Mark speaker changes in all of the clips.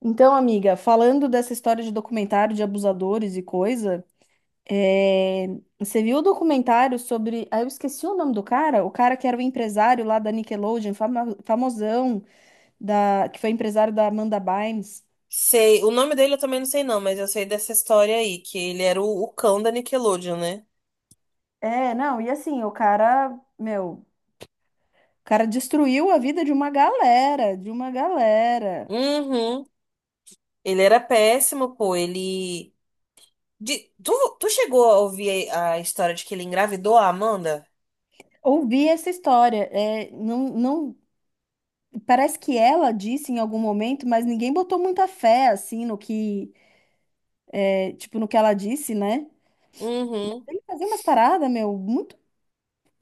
Speaker 1: Então, amiga, falando dessa história de documentário de abusadores e coisa, é, você viu o documentário sobre. Ah, eu esqueci o nome do cara, o cara que era o empresário lá da Nickelodeon, famosão, da... que foi empresário da Amanda Bynes.
Speaker 2: Sei, o nome dele eu também não sei não, mas eu sei dessa história aí, que ele era o cão da Nickelodeon, né?
Speaker 1: É, não, e assim, o cara, meu, o cara destruiu a vida de uma galera, de uma galera.
Speaker 2: Uhum. Ele era péssimo, pô, ele... De- Tu, tu chegou a ouvir a história de que ele engravidou a Amanda?
Speaker 1: Ouvi essa história, é, não, não, parece que ela disse em algum momento, mas ninguém botou muita fé, assim, no que tipo, no que ela disse, né?
Speaker 2: Uhum,
Speaker 1: Ele fazia umas paradas, meu, muito.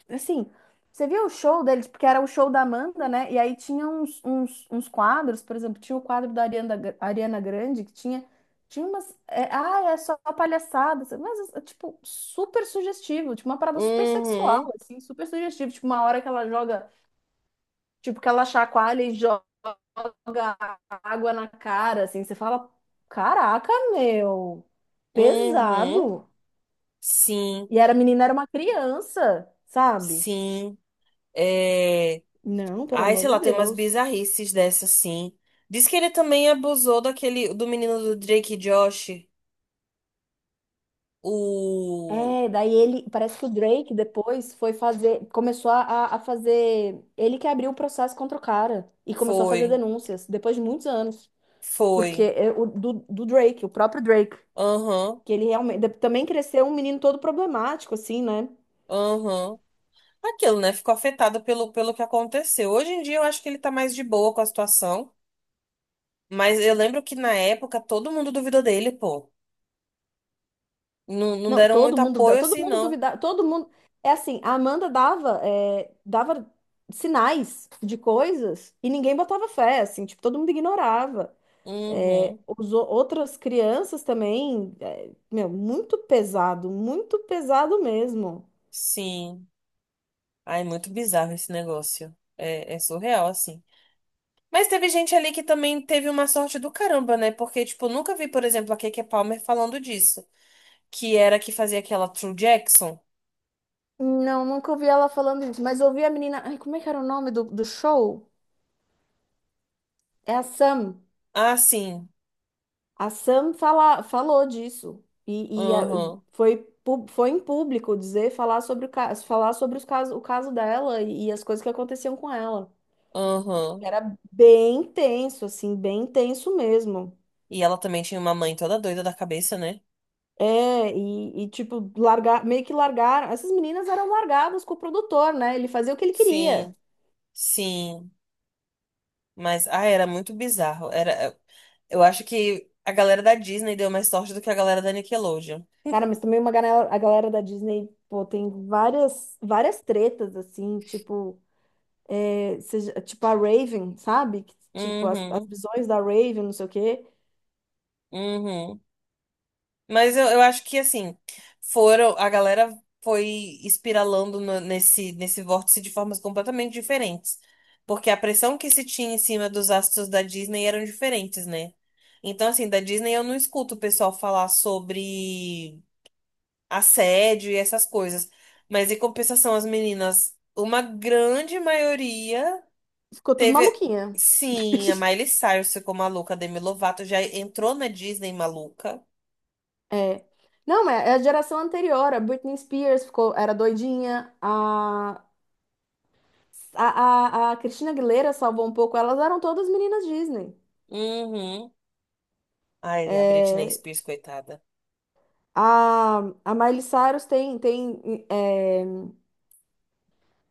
Speaker 1: Assim, você viu o show deles, porque era o show da Amanda, né? E aí tinha uns, uns quadros, por exemplo, tinha o quadro da Ariana, Ariana Grande, que tinha, tinha umas. É só palhaçada, mas, tipo, super sugestivo, tipo, uma parada super sexual,
Speaker 2: uhum,
Speaker 1: assim, super sugestivo. Tipo, uma hora que ela joga, tipo, que ela chacoalha e joga água na cara, assim, você fala, caraca, meu,
Speaker 2: uhum.
Speaker 1: pesado.
Speaker 2: Sim,
Speaker 1: E era a menina, era uma criança, sabe?
Speaker 2: sim. É...
Speaker 1: Não, pelo
Speaker 2: Ai,
Speaker 1: amor
Speaker 2: sei
Speaker 1: de
Speaker 2: lá, tem umas
Speaker 1: Deus.
Speaker 2: bizarrices dessas, sim. Diz que ele também abusou daquele, do menino do Drake e Josh.
Speaker 1: É,
Speaker 2: O...
Speaker 1: daí ele, parece que o Drake depois foi fazer, começou a fazer, ele que abriu o processo contra o cara e começou a
Speaker 2: Foi,
Speaker 1: fazer denúncias depois de muitos anos, porque
Speaker 2: foi.
Speaker 1: é o do, do Drake, o próprio Drake,
Speaker 2: Aham,
Speaker 1: que ele realmente também cresceu um menino todo problemático assim, né?
Speaker 2: aham. Aquilo, né? Ficou afetado pelo que aconteceu. Hoje em dia eu acho que ele tá mais de boa com a situação, mas eu lembro que na época todo mundo duvidou dele, pô. Não, não
Speaker 1: Não,
Speaker 2: deram
Speaker 1: todo
Speaker 2: muito
Speaker 1: mundo,
Speaker 2: apoio
Speaker 1: todo
Speaker 2: assim,
Speaker 1: mundo
Speaker 2: não.
Speaker 1: duvidava, todo mundo. É assim, a Amanda dava, dava sinais de coisas e ninguém botava fé, assim, tipo, todo mundo ignorava. É,
Speaker 2: Uhum,
Speaker 1: outras crianças também, meu, muito pesado mesmo.
Speaker 2: sim. Ai, muito bizarro esse negócio. É surreal, assim. Mas teve gente ali que também teve uma sorte do caramba, né? Porque, tipo, nunca vi, por exemplo, a Keke Palmer falando disso. Que era a que fazia aquela True Jackson.
Speaker 1: Não, nunca ouvi ela falando isso, mas ouvi a menina. Ai, como é que era o nome do, do show? É a Sam.
Speaker 2: Ah, sim.
Speaker 1: A Sam fala, falou disso e
Speaker 2: Aham,
Speaker 1: foi, foi em público dizer, falar sobre o caso, falar sobre os casos, o caso dela e as coisas que aconteciam com ela.
Speaker 2: aham.
Speaker 1: Era bem tenso, assim, bem tenso mesmo.
Speaker 2: E ela também tinha uma mãe toda doida da cabeça, né?
Speaker 1: Tipo, largar, meio que largaram. Essas meninas eram largadas com o produtor, né? Ele fazia o que ele queria.
Speaker 2: Sim, sim. Mas, ah, era muito bizarro. Eu acho que a galera da Disney deu mais sorte do que a galera da Nickelodeon.
Speaker 1: Cara, mas também uma galera, a galera da Disney, pô, tem várias, várias tretas, assim, tipo. É, tipo a Raven, sabe? Que, tipo, as
Speaker 2: Uhum,
Speaker 1: visões da Raven, não sei o quê.
Speaker 2: uhum. Mas eu acho que, assim, a galera foi espiralando nesse vórtice de formas completamente diferentes. Porque a pressão que se tinha em cima dos astros da Disney eram diferentes, né? Então, assim, da Disney eu não escuto o pessoal falar sobre assédio e essas coisas. Mas em compensação, as meninas, uma grande maioria
Speaker 1: Ficou tudo
Speaker 2: teve.
Speaker 1: maluquinha.
Speaker 2: Sim, a Miley Cyrus ficou maluca, a Demi Lovato já entrou na Disney maluca.
Speaker 1: É. Não, é a geração anterior. A Britney Spears ficou, era doidinha. A Christina Aguilera salvou um pouco. Elas eram todas meninas Disney.
Speaker 2: Uhum. Ai, a Britney
Speaker 1: É,
Speaker 2: Spears, coitada.
Speaker 1: a, a Miley Cyrus tem,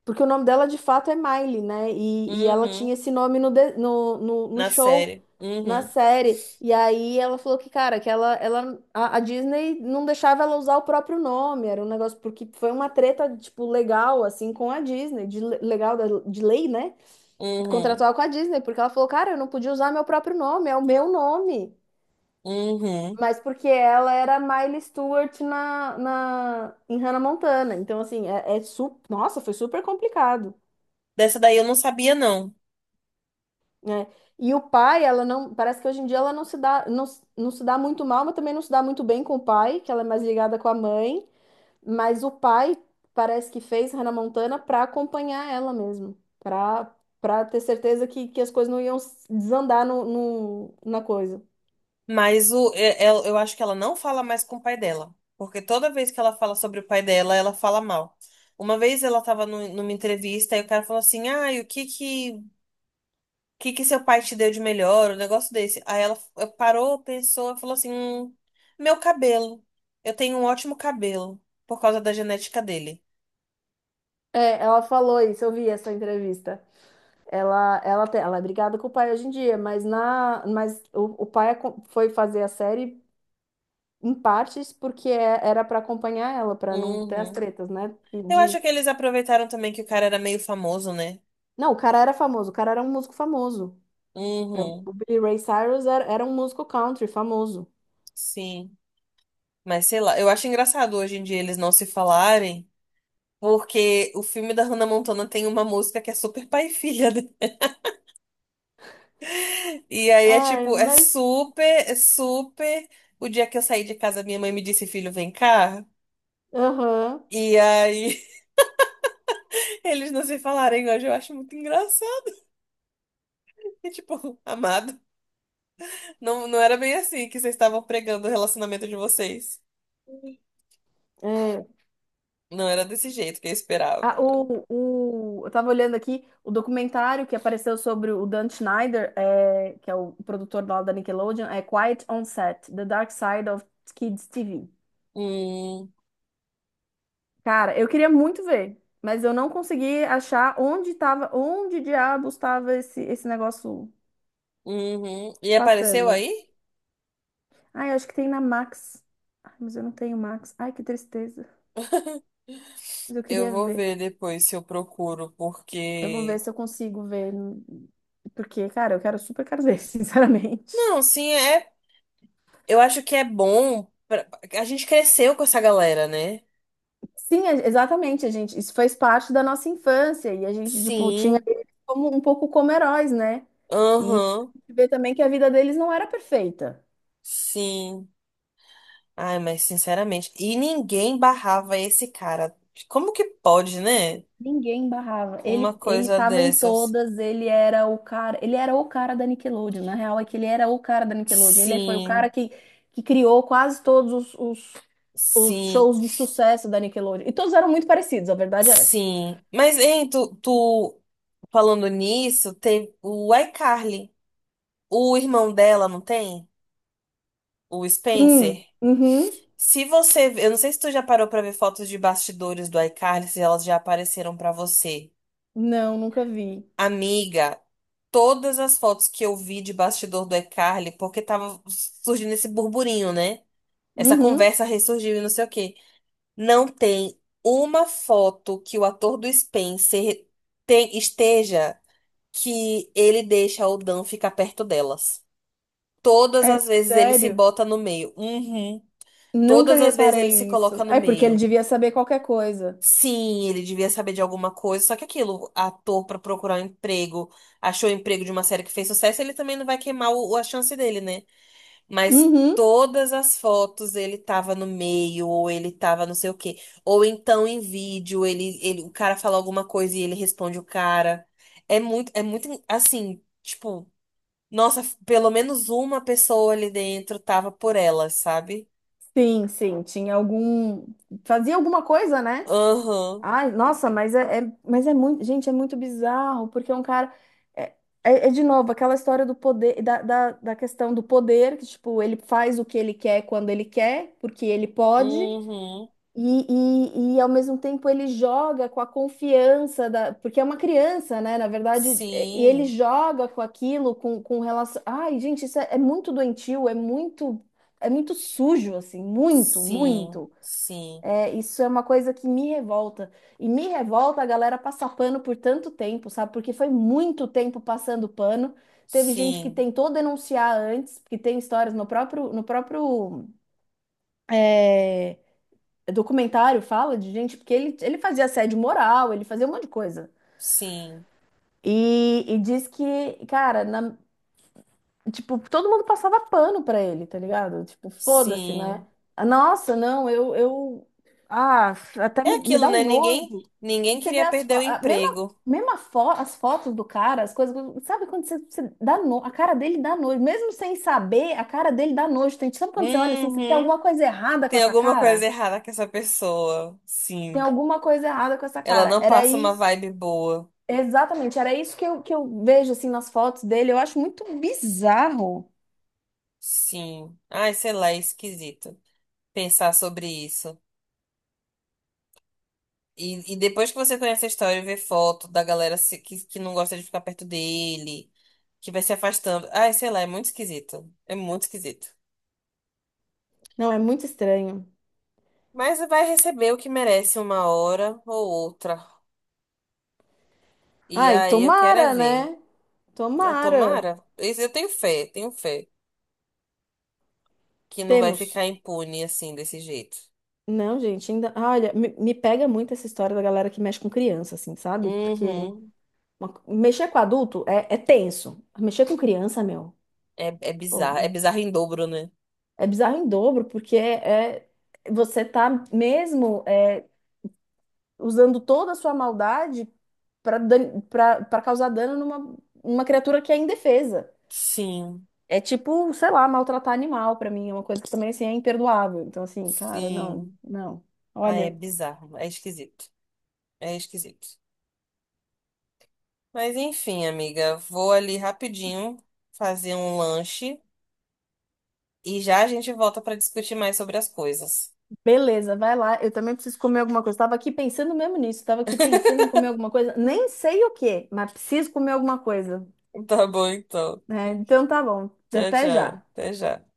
Speaker 1: porque o nome dela de fato é Miley, né? E ela
Speaker 2: Uhum.
Speaker 1: tinha esse nome no, no
Speaker 2: Na
Speaker 1: show,
Speaker 2: série.
Speaker 1: na
Speaker 2: Uhum.
Speaker 1: série. E aí ela falou que, cara, que ela, a Disney não deixava ela usar o próprio nome. Era um negócio, porque foi uma treta, tipo, legal, assim, com a Disney, legal, de lei, né?
Speaker 2: Uhum.
Speaker 1: Contratual com a Disney, porque ela falou, cara, eu não podia usar meu próprio nome, é o meu nome.
Speaker 2: Uhum.
Speaker 1: Mas porque ela era Miley Stewart em Hannah Montana. Então, assim, nossa, foi super complicado.
Speaker 2: Dessa daí eu não sabia, não.
Speaker 1: Né? E o pai, ela não, parece que hoje em dia ela não se dá, não, não se dá muito mal, mas também não se dá muito bem com o pai, que ela é mais ligada com a mãe, mas o pai parece que fez Hannah Montana para acompanhar ela mesmo, para ter certeza que as coisas não iam desandar no, na coisa.
Speaker 2: Eu acho que ela não fala mais com o pai dela. Porque toda vez que ela fala sobre o pai dela, ela fala mal. Uma vez ela estava numa entrevista e o cara falou assim: "Ah, e o que que seu pai te deu de melhor", um negócio desse. Aí ela parou, pensou, e falou assim: meu cabelo. Eu tenho um ótimo cabelo por causa da genética dele."
Speaker 1: É, ela falou isso, eu vi essa entrevista. Ela é brigada com o pai hoje em dia, mas o pai foi fazer a série em partes porque era pra acompanhar ela, pra não ter as
Speaker 2: Uhum.
Speaker 1: tretas, né? Porque
Speaker 2: Eu acho
Speaker 1: de...
Speaker 2: que eles aproveitaram também que o cara era meio famoso, né?
Speaker 1: Não, o cara era famoso, o cara era um músico famoso. É,
Speaker 2: Uhum.
Speaker 1: o Billy Ray Cyrus era, era um músico country famoso.
Speaker 2: Sim. Mas sei lá, eu acho engraçado hoje em dia eles não se falarem, porque o filme da Hannah Montana tem uma música que é super pai e filha, né? E aí é
Speaker 1: Ai,
Speaker 2: tipo, é
Speaker 1: mas.
Speaker 2: super, é super. O dia que eu saí de casa, minha mãe me disse, filho, vem cá.
Speaker 1: Aham.
Speaker 2: E aí eles não se falarem hoje, eu acho muito engraçado. E, tipo, amado, não, não era bem assim que vocês estavam pregando o relacionamento de vocês.
Speaker 1: É.
Speaker 2: Não era desse jeito que eu
Speaker 1: Ah,
Speaker 2: esperava.
Speaker 1: eu tava olhando aqui o documentário que apareceu sobre o Dan Schneider, é, que é o produtor lá da Nickelodeon, é Quiet on Set, The Dark Side of Kids TV.
Speaker 2: Hum,
Speaker 1: Cara, eu queria muito ver, mas eu não consegui achar onde tava, onde diabos estava esse, esse negócio
Speaker 2: uhum. E apareceu
Speaker 1: passando.
Speaker 2: aí?
Speaker 1: Ai, acho que tem na Max. Ai, mas eu não tenho Max. Ai, que tristeza. Mas eu
Speaker 2: Eu
Speaker 1: queria
Speaker 2: vou
Speaker 1: ver.
Speaker 2: ver depois se eu procuro,
Speaker 1: Eu vou ver
Speaker 2: porque.
Speaker 1: se eu consigo ver. Porque, cara, eu quero super quero ver, sinceramente.
Speaker 2: Não, sim, é. Eu acho que é bom. A gente cresceu com essa galera, né?
Speaker 1: Sim, exatamente, a gente. Isso fez parte da nossa infância e a gente, tipo, tinha
Speaker 2: Sim,
Speaker 1: eles como um pouco como heróis, né? E
Speaker 2: aham,
Speaker 1: ver também que a vida deles não era perfeita.
Speaker 2: sim. Ai, mas sinceramente. E ninguém barrava esse cara. Como que pode, né?
Speaker 1: Ninguém barrava.
Speaker 2: Uma
Speaker 1: Ele
Speaker 2: coisa
Speaker 1: tava em
Speaker 2: dessas.
Speaker 1: todas, ele era o cara, ele era o cara da Nickelodeon. Na real é que ele era o cara da Nickelodeon. Ele foi o cara
Speaker 2: Sim,
Speaker 1: que criou quase todos os, os
Speaker 2: sim,
Speaker 1: shows de sucesso da Nickelodeon. E todos eram muito parecidos, a verdade é essa.
Speaker 2: sim. Mas, hein, tu falando nisso, tem o iCarly. O irmão dela, não tem? O Spencer.
Speaker 1: Uhum.
Speaker 2: Se você, eu não sei se tu já parou pra ver fotos de bastidores do iCarly, se elas já apareceram pra você.
Speaker 1: Não, nunca vi.
Speaker 2: Amiga, todas as fotos que eu vi de bastidor do iCarly, porque tava surgindo esse burburinho, né? Essa
Speaker 1: Uhum.
Speaker 2: conversa ressurgiu e não sei o quê. Não tem uma foto que o ator do Spencer esteja que ele deixa o Dan ficar perto delas. Todas
Speaker 1: É
Speaker 2: as vezes ele se
Speaker 1: sério?
Speaker 2: bota no meio. Uhum.
Speaker 1: Nunca
Speaker 2: Todas as vezes ele se
Speaker 1: reparei
Speaker 2: coloca
Speaker 1: isso.
Speaker 2: no
Speaker 1: É porque ele
Speaker 2: meio.
Speaker 1: devia saber qualquer coisa.
Speaker 2: Sim, ele devia saber de alguma coisa, só que aquilo, ator pra procurar um emprego, achou o emprego de uma série que fez sucesso, ele também não vai queimar o, a chance dele, né? Mas
Speaker 1: Uhum.
Speaker 2: todas as fotos ele tava no meio, ou ele tava não sei o quê. Ou então em vídeo, o cara fala alguma coisa e ele responde o cara. É muito assim, tipo, nossa, pelo menos uma pessoa ali dentro tava por ela, sabe?
Speaker 1: Sim, sim, tinha algum. Fazia alguma coisa, né?
Speaker 2: Aham,
Speaker 1: Ai, nossa, mas mas é muito, gente, é muito bizarro, porque é um cara. É, de novo aquela história do poder, da questão do poder, que tipo, ele faz o que ele quer quando ele quer, porque ele pode,
Speaker 2: uhum,
Speaker 1: e, e ao mesmo tempo ele joga com a confiança da. Porque é uma criança, né? Na verdade, é, e ele
Speaker 2: sim.
Speaker 1: joga com aquilo, com relação. Ai, gente, é muito doentio, é muito sujo, assim, muito,
Speaker 2: Sim,
Speaker 1: muito.
Speaker 2: sim,
Speaker 1: É, isso é uma coisa que me revolta. E me revolta a galera passar pano por tanto tempo, sabe? Porque foi muito tempo passando pano. Teve gente que
Speaker 2: sim,
Speaker 1: tentou denunciar antes, que tem histórias no próprio, no próprio é, documentário, fala de gente, porque ele fazia assédio moral, ele fazia um monte de coisa.
Speaker 2: sim,
Speaker 1: E diz que, cara, na, tipo, todo mundo passava pano pra ele, tá ligado? Tipo, foda-se, né?
Speaker 2: sim.
Speaker 1: Ah, nossa, não, eu... Ah, até
Speaker 2: É
Speaker 1: me
Speaker 2: aquilo,
Speaker 1: dá
Speaker 2: né?
Speaker 1: um
Speaker 2: Ninguém,
Speaker 1: nojo.
Speaker 2: ninguém
Speaker 1: E você vê
Speaker 2: queria
Speaker 1: as
Speaker 2: perder o
Speaker 1: fotos, mesma,
Speaker 2: emprego.
Speaker 1: mesma fo as fotos do cara, as coisas... Sabe quando você dá no... A cara dele dá nojo. Mesmo sem saber, a cara dele dá nojo. Tem, sabe quando você olha assim, você tem
Speaker 2: Uhum.
Speaker 1: alguma coisa errada com
Speaker 2: Tem
Speaker 1: essa
Speaker 2: alguma
Speaker 1: cara?
Speaker 2: coisa errada com essa pessoa.
Speaker 1: Tem
Speaker 2: Sim.
Speaker 1: alguma coisa errada com essa
Speaker 2: Ela
Speaker 1: cara.
Speaker 2: não
Speaker 1: Era
Speaker 2: passa uma
Speaker 1: isso...
Speaker 2: vibe boa.
Speaker 1: Exatamente, era isso que que eu vejo, assim, nas fotos dele. Eu acho muito bizarro.
Speaker 2: Sim. Ai, sei lá, é esquisito pensar sobre isso. E depois que você conhece a história e vê foto da galera que não gosta de ficar perto dele, que vai se afastando. Ai, sei lá, é muito esquisito. É muito esquisito.
Speaker 1: Não, é muito estranho.
Speaker 2: Mas vai receber o que merece uma hora ou outra. E
Speaker 1: Ai,
Speaker 2: aí eu quero é
Speaker 1: tomara,
Speaker 2: ver.
Speaker 1: né?
Speaker 2: Ai,
Speaker 1: Tomara.
Speaker 2: tomara. Isso. Eu tenho fé, tenho fé. Que não vai
Speaker 1: Temos.
Speaker 2: ficar impune assim, desse jeito.
Speaker 1: Não, gente, ainda. Ah, olha, me pega muito essa história da galera que mexe com criança, assim, sabe? Porque
Speaker 2: Uhum.
Speaker 1: mexer com adulto é tenso. Mexer com criança, meu,
Speaker 2: É bizarro. É
Speaker 1: pô,
Speaker 2: bizarro em dobro, né?
Speaker 1: é bizarro em dobro, porque você tá mesmo é, usando toda a sua maldade para para causar dano numa uma criatura que é indefesa.
Speaker 2: Sim,
Speaker 1: É tipo, sei lá, maltratar animal pra mim, é uma coisa que também assim é imperdoável. Então assim, cara, não,
Speaker 2: sim.
Speaker 1: não.
Speaker 2: Ah, é
Speaker 1: Olha,
Speaker 2: bizarro. É esquisito. É esquisito. Mas enfim, amiga, vou ali rapidinho fazer um lanche e já a gente volta pra discutir mais sobre as coisas.
Speaker 1: beleza, vai lá. Eu também preciso comer alguma coisa. Tava aqui pensando mesmo nisso. Tava aqui pensando em comer alguma coisa. Nem sei o que mas preciso comer alguma coisa,
Speaker 2: Tá bom, então.
Speaker 1: né? Então tá bom.
Speaker 2: Tchau,
Speaker 1: Até
Speaker 2: tchau.
Speaker 1: já.
Speaker 2: Até já.